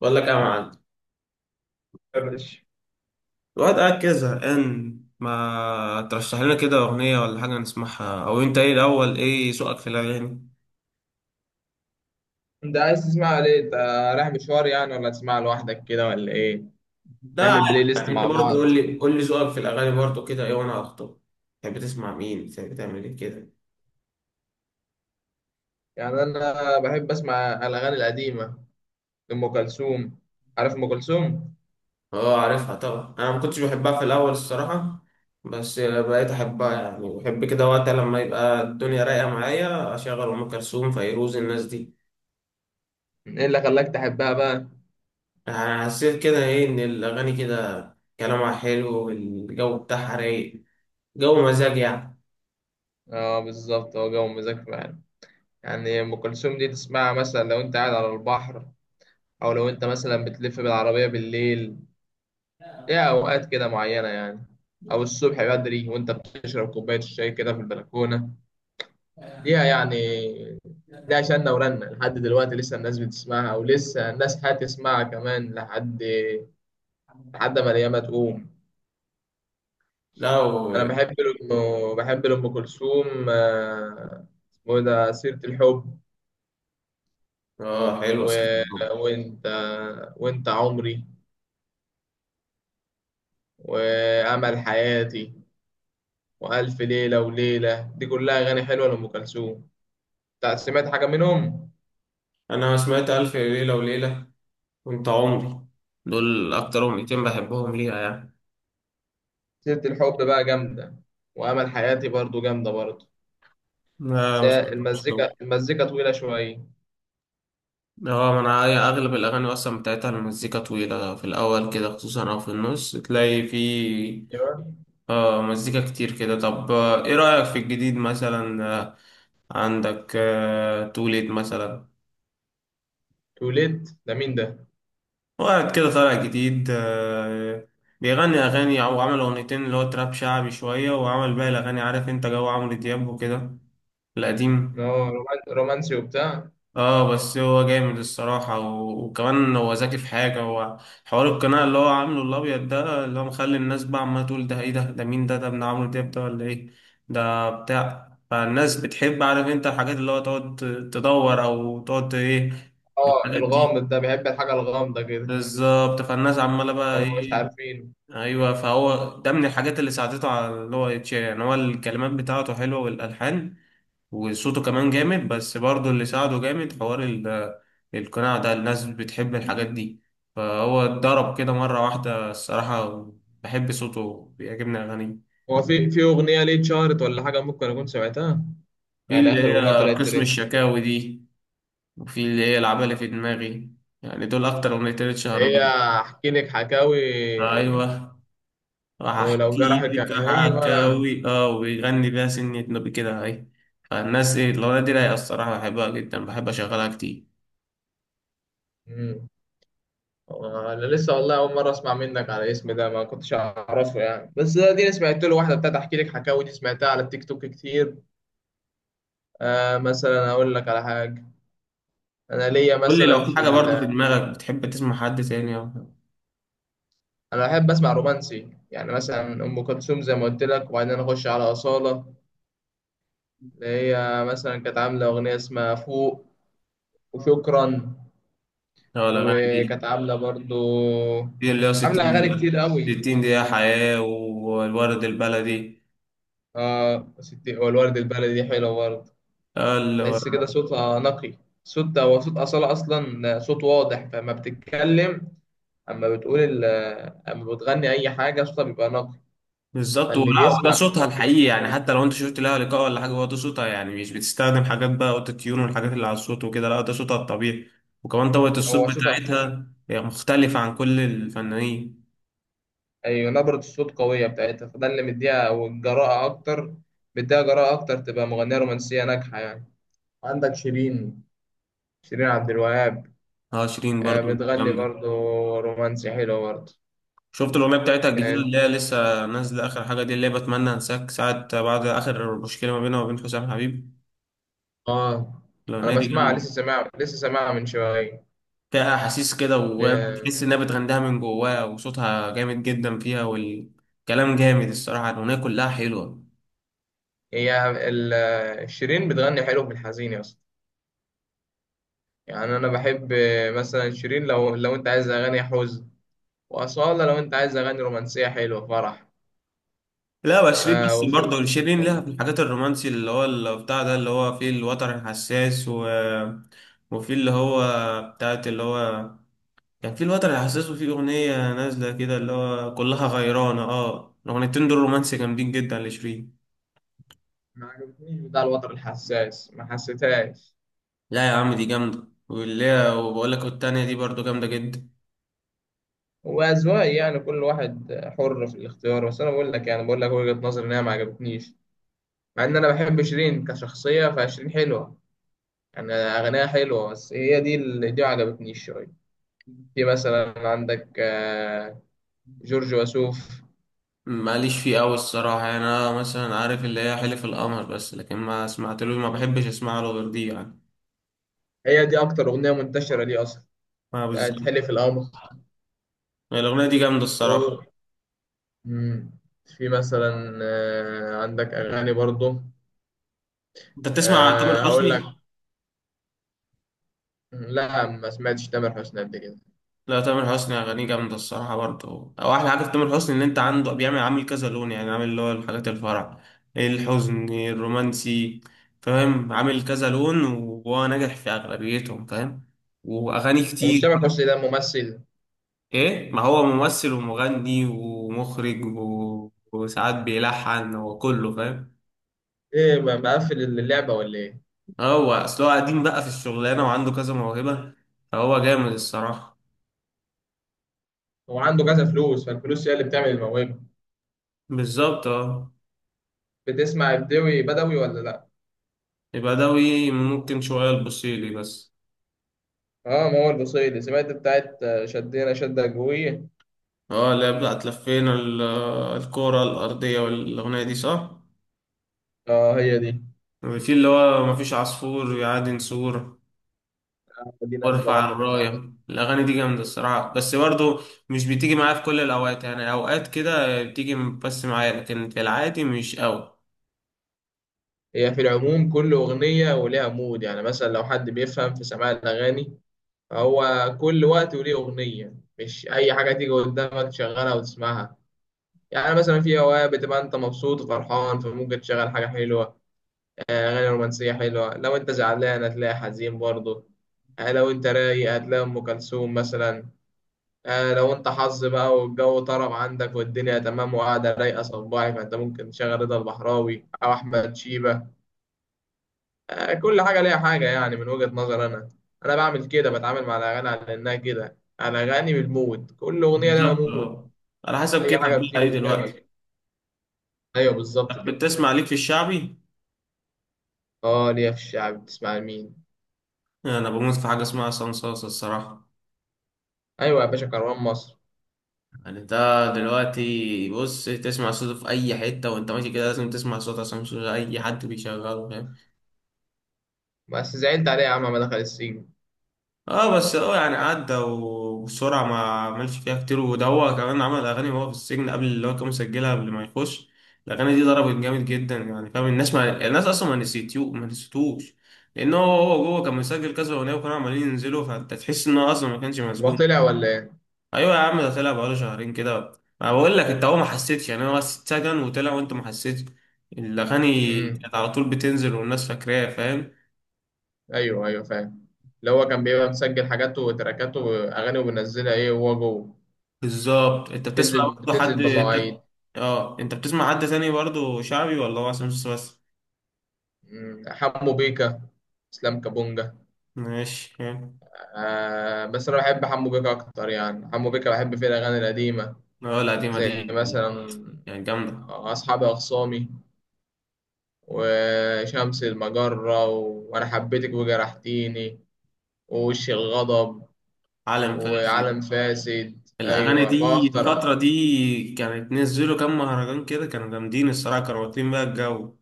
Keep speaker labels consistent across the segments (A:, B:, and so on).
A: بقول لك ايه يا معلم.
B: يا باشا.
A: الواحد قاعد كده زهقان، ما ترشح لنا كده أغنية ولا حاجة نسمعها؟ أو أنت إيه الأول، إيه ذوقك في الأغاني؟
B: انت عايز تسمع ليه انت؟ رايح مشوار يعني، ولا تسمع لوحدك كده، ولا ايه؟
A: ده عادي.
B: نعمل بلاي ليست
A: يعني انت
B: مع
A: برضه
B: بعض.
A: قول لي ذوقك في الاغاني برضه كده ايه وانا اخطب. تحب تسمع مين، تحب تعمل ايه كده؟
B: يعني انا بحب اسمع الاغاني القديمه، لام كلثوم. عارف ام كلثوم؟
A: اه، عارفها طبعا. انا ما كنتش بحبها في الاول الصراحه، بس بقيت احبها، يعني بحب كده وقت لما يبقى الدنيا رايقه معايا اشغل ام كلثوم، فيروز، الناس دي.
B: ايه اللي خلاك تحبها بقى؟
A: يعني حسيت كده ايه ان الاغاني كده كلامها حلو والجو بتاعها رايق، جو مزاج يعني.
B: اه، بالظبط هو جو مزاج فعلا. يعني ام كلثوم دي تسمعها مثلا لو انت قاعد على البحر، او لو انت مثلا بتلف بالعربيه بالليل. ليها اوقات كده معينه يعني، او الصبح بدري وانت بتشرب كوبايه الشاي كده في البلكونه، ليها يعني. ليها شنة ورنة لحد دلوقتي، لسه الناس بتسمعها، ولسه الناس هتسمعها كمان لحد ما الأيام تقوم.
A: لا.
B: أنا بحب لأم كلثوم. اسمه إيه ده؟ سيرة الحب،
A: اه
B: و...
A: حلو، سيف الحب.
B: وأنت، وأنت عمري، وأمل حياتي، وألف ليلة وليلة، دي كلها أغاني حلوة لأم كلثوم. سمعت حاجة منهم؟
A: انا سمعت الف ليله وليله، وانت عمري، دول اكتر اغنيتين بحبهم ليها يعني.
B: سيرة الحب بقى جامدة، وأمل حياتي برضو جامدة برضو.
A: ما
B: بس
A: ما
B: هي
A: سمعتهمش دول.
B: المزيكا طويلة شوية.
A: اه، ما انا هي اغلب الاغاني اصلا بتاعتها المزيكا طويله في الاول كده خصوصا، او في النص تلاقي في
B: ايوه.
A: اه مزيكا كتير كده. طب ايه رايك في الجديد مثلا؟ عندك توليد مثلا،
B: توليت ده مين ده؟
A: وقعد كده طالع جديد، بيغني أغاني، أو عمل أغنيتين اللي هو تراب شعبي شوية، وعمل باقي الأغاني عارف أنت جو عمرو دياب وكده،
B: إن
A: القديم.
B: هو رومانسي وبتاع.
A: اه بس هو جامد الصراحة، وكمان هو ذكي في حاجة. هو حوار القناع اللي هو عامله الأبيض ده، اللي هو مخلي الناس بقى عمالة تقول ده ايه ده، ده مين ده، ده ابن عمرو دياب ده ولا ايه ده بتاع. فالناس بتحب عارف انت الحاجات اللي هو تقعد تدور أو تقعد ايه،
B: اه،
A: الحاجات دي.
B: الغامض ده بيحب الحاجة الغامضة كده.
A: بالظبط، فالناس عمالة بقى
B: هما مش
A: ايه.
B: عارفين.
A: ايوه، فهو ده من الحاجات اللي ساعدته على اللي هو يتشهر. يعني هو الكلمات بتاعته حلوه والالحان وصوته كمان جامد، بس برضه اللي ساعده جامد حوار القناع ده، الناس بتحب الحاجات دي. فهو اتضرب كده مره واحده الصراحه، بحب صوته، بيعجبني اغانيه.
B: هو في أغنية ليه اتشهرت، ولا حاجة ممكن أكون سمعتها؟
A: في
B: يعني
A: اللي
B: آخر أغنية
A: هي
B: طلعت
A: قسم
B: ترند.
A: الشكاوي دي، وفي اللي هي العبالة في دماغي، يعني دول اكتر اغنيتين اتشهروا
B: هي
A: بيهم.
B: أحكي لك حكاوي.
A: ايوه، راح
B: ولو
A: احكي
B: جرحك،
A: لك
B: أيوه.
A: حكاوي اه، ويغني بيها سنة نوبي كده اهي. فالناس، ايه الاغنية دي رايقة الصراحة، بحبها جدا، بحب اشغلها كتير.
B: مم. أنا لسه والله أول مرة أسمع منك على الاسم ده، ما كنتش أعرفه يعني، بس دي أنا سمعت له واحدة بتاعت أحكي لك حكاوي دي، سمعتها على التيك توك كتير. آه، مثلا اقول لك على حاجه. انا ليا
A: قول لي لو
B: مثلا
A: في حاجة برضه في دماغك بتحب تسمع حد تاني او حاجة.
B: انا بحب اسمع رومانسي يعني، مثلا ام كلثوم زي ما قلت لك، وبعدين اخش على اصاله، اللي هي مثلا كانت عامله اغنيه اسمها فوق، وشكرا،
A: اه الاغاني دي،
B: وكانت عامله برضو،
A: اللي هو 60
B: عامله اغاني
A: دقيقة،
B: كتير قوي.
A: 60 دقيقة حياة والورد البلدي.
B: اه، ستي والورد البلدي دي حلوه برضه. تحس كده صوتها نقي. صوت، هو صوت اصاله اصلا صوت واضح، فما بتتكلم، اما بتقول ال... اما بتغني اي حاجه صوتها بيبقى نقي،
A: بالظبط،
B: فاللي
A: ولا وده
B: بيسمع
A: صوتها
B: بيفهم
A: الحقيقي
B: بيفهم
A: يعني،
B: كل
A: حتى
B: حاجة.
A: لو انت شفت لها لقاء ولا حاجه هو ده صوتها يعني، مش بتستخدم حاجات بقى اوتو تيون والحاجات اللي على الصوت وكده، لا ده صوتها الطبيعي. وكمان طبقه الصوت
B: هو صوتها قوي.
A: بتاعتها هي مختلفه عن كل الفنانين.
B: ايوه، نبرة الصوت قوية بتاعتها، فده اللي مديها والجراءة اكتر، مديها جراءة اكتر تبقى مغنية رومانسية ناجحة يعني. عندك شيرين، شيرين عبد الوهاب.
A: اه شيرين برضو
B: بتغني
A: جامده.
B: برضه رومانسي حلو برضه.
A: شفت الاغنيه بتاعتها الجديده
B: كانت-
A: اللي هي لسه نازله اخر حاجه دي، اللي هي بتمنى انساك ساعه بعد اخر مشكله ما بينها وبين حسام حبيب؟
B: اه، انا
A: الاغنيه دي
B: بسمعها
A: جامده،
B: لسه، سامعها من شوية.
A: فيها احاسيس كده
B: ل-
A: وبتحس انها بتغنيها من جواها وصوتها جامد جدا فيها والكلام جامد الصراحه، الاغنيه كلها حلوه.
B: شيرين بتغني حلو في الحزين يا اسطى. يعني انا بحب، مثلا شيرين، لو انت عايز اغاني حزن، وأصالة لو أنت عايز أغاني رومانسية حلوة فرح.
A: لا بس شيرين، بس
B: وفي،
A: برضه شيرين لها في الحاجات الرومانسي اللي هو اللي بتاع ده، اللي هو فيه الوتر الحساس، وفيه اللي هو بتاعت اللي هو كان فيه الوتر الحساس، وفيه أغنية نازلة كده اللي هو كلها غيرانة، اه الأغنيتين دول رومانسي جامدين جدا لشيرين.
B: ما عجبتنيش بتاع الوتر الحساس، ما حسيتهاش.
A: لا يا عم دي جامدة، واللي هي وبقول لك والتانية دي برضه جامدة جدا.
B: هو أذواق يعني، كل واحد حر في الاختيار، بس أنا بقول لك، يعني بقول لك وجهة نظري إن هي ما عجبتنيش، مع إن أنا بحب شيرين كشخصية، فشيرين حلوة يعني، أغانيها حلوة، بس هي دي اللي دي ما عجبتنيش شوية. في مثلا عندك، جورج وسوف.
A: ماليش فيه أوي الصراحة، يعني أنا مثلا عارف اللي هي حلف القمر بس، لكن ما سمعتلوش، ما بحبش أسمع له غير دي يعني.
B: هي دي أكتر أغنية منتشرة ليه أصلا؟
A: ما
B: بتاعت
A: بالظبط،
B: حلف القمر.
A: الأغنية دي جامدة الصراحة.
B: مم. في مثلا، عندك أغاني برضه.
A: انت بتسمع تامر
B: آه، هقول لك.
A: حسني؟
B: لا، ما سمعتش تامر حسني قبل كده.
A: لا تامر حسني اغانيه جامده الصراحه برضه، او احلى حاجه في تامر حسني ان انت عنده بيعمل عامل كذا لون، يعني عامل اللي هو الحاجات الفرح، الحزن، الرومانسي، فاهم؟ عامل كذا لون وهو ناجح في اغلبيتهم، فاهم، واغاني
B: ومش
A: كتير.
B: تامر حسني ده ممثل؟
A: ايه ما هو ممثل ومغني ومخرج وساعات بيلحن وكله، فاهم.
B: ايه، مقفل اللعبة ولا ايه؟
A: هو اصل هو قديم بقى في الشغلانه وعنده كذا موهبه، فهو جامد الصراحه.
B: هو عنده كذا فلوس، فالفلوس هي اللي بتعمل الموهبة.
A: بالظبط اه.
B: بتسمع بدوي بدوي ولا لا؟
A: يبقى دوي ممكن شوية، البوسيلي بس.
B: اه، ما هو البصيلي، سمعت بتاعت، شدينا شدة جوية.
A: اه اللي هي بتاعت لفينا الكرة الأرضية، والأغنية دي صح؟
B: اه، هي دي.
A: وفي اللي هو مفيش عصفور يعادي نسور،
B: دي نازلة
A: وارفع
B: برضه، كانت عاملة.
A: الراية، الأغاني دي جامدة الصراحة، بس برضه مش بتيجي معايا في كل الأوقات، يعني أوقات كده بتيجي بس معايا لكن في العادي مش أوي.
B: هي في العموم كل أغنية ولها مود، يعني مثلا لو حد بيفهم في سماع الأغاني، هو كل وقت وليه أغنية، مش أي حاجة تيجي قدامك تشغلها وتسمعها. يعني مثلا في أوقات بتبقى أنت مبسوط وفرحان، فممكن تشغل حاجة حلوة، أغاني رومانسية حلوة. لو أنت زعلان هتلاقي حزين برضه. لو أنت رايق هتلاقي أم كلثوم مثلا. لو أنت حظ بقى والجو طرب عندك والدنيا تمام وقاعدة رايقة صباعي، فأنت ممكن تشغل رضا البحراوي أو أحمد شيبة. كل حاجة ليها حاجة، يعني من وجهة نظر أنا. أنا بعمل كده، بتعامل مع الأغاني على إنها كده، الأغاني بالمود، كل أغنية لها
A: بالظبط
B: مود.
A: اه. على حسب
B: أي
A: كيفك
B: حاجة
A: بقى
B: بتيجي
A: إيه دلوقتي.
B: قدامك. أيوه، بالظبط
A: طب
B: كده.
A: بتسمع ليك في الشعبي؟
B: أه، ليا في الشعب. بتسمع لمين؟
A: أنا بموت في حاجة اسمها صنصاصة الصراحة.
B: أيوه يا باشا، كروان مصر.
A: يعني انت دلوقتي بص، تسمع صوته في اي حته وانت ماشي كده، لازم تسمع صوت عصام صوصه، اي حد بيشغله، فاهم.
B: بس زعلت عليه يا عم، ما دخل السجن.
A: اه بس هو يعني عدى وبسرعه، ما عملش فيها كتير، وده هو كمان عمل اغاني وهو في السجن، قبل اللي هو كان مسجلها قبل ما يخش. الاغاني دي ضربت جامد جدا يعني، فاهم، الناس ما يعني الناس اصلا ما نسيتيو، ما نسيتوش، لان هو هو جوه كان مسجل كذا اغنيه وكانوا عمالين ينزلوا، فانت تحس ان هو اصلا ما كانش
B: هو
A: مسجون.
B: طلع ولا إيه؟
A: ايوه يا عم ده طلع بقاله شهرين كده. ما بقول لك انت هو ما حسيتش، يعني هو بس اتسجن وطلع وانت ما حسيتش. الاغاني
B: أمم.
A: كانت على طول بتنزل والناس فاكراها، فاهم.
B: أيوه، أيوه، فاهم. اللي هو كان بيبقى مسجل حاجاته وتراكاته وأغاني وبينزلها، إيه، وهو جوه.
A: بالظبط. انت بتسمع
B: بتنزل
A: برضه حد،
B: بتنزل بمواعيد.
A: اه انت بتسمع حد تاني برضه شعبي ولا هو عصام صاصا بس؟
B: أمم، حمو بيكا، إسلام كابونجا.
A: ماشي، فاهم.
B: آه، بس انا بحب حمو بيكا اكتر، يعني حمو بيكا بحب فيه الاغاني القديمه،
A: اه القديمه
B: زي
A: دي،
B: مثلا
A: يعني جامده.
B: اصحابي اخصامي، وشمس المجره، وانا حبيتك وجرحتيني، ووش الغضب،
A: عالم فاسد،
B: وعالم فاسد،
A: الاغاني
B: ايوه،
A: دي
B: واخطر.
A: الفتره دي كانت نزلوا كام مهرجان كده، كانوا جامدين الصراحه، كانوا واكلين بقى الجو.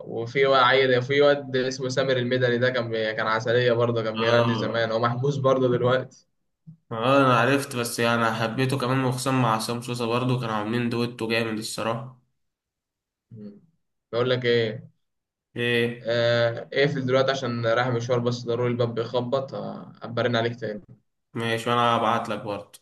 B: وفي عيل، في واد اسمه سامر المدني، ده كان عسليه برضه، كان بيغني
A: اه.
B: زمان، هو محبوس برضه دلوقتي.
A: اه انا عرفت، بس يعني انا حبيته كمان، وخصوصا مع عصام سوسة برضو، كانوا عاملين دويتو جامد الصراحة.
B: مم. بقول لك ايه،
A: ايه؟
B: آه، اقفل دلوقتي عشان رايح مشوار، بس ضروري الباب بيخبط، ابرن عليك تاني.
A: ماشي، وانا هبعت لك برضو.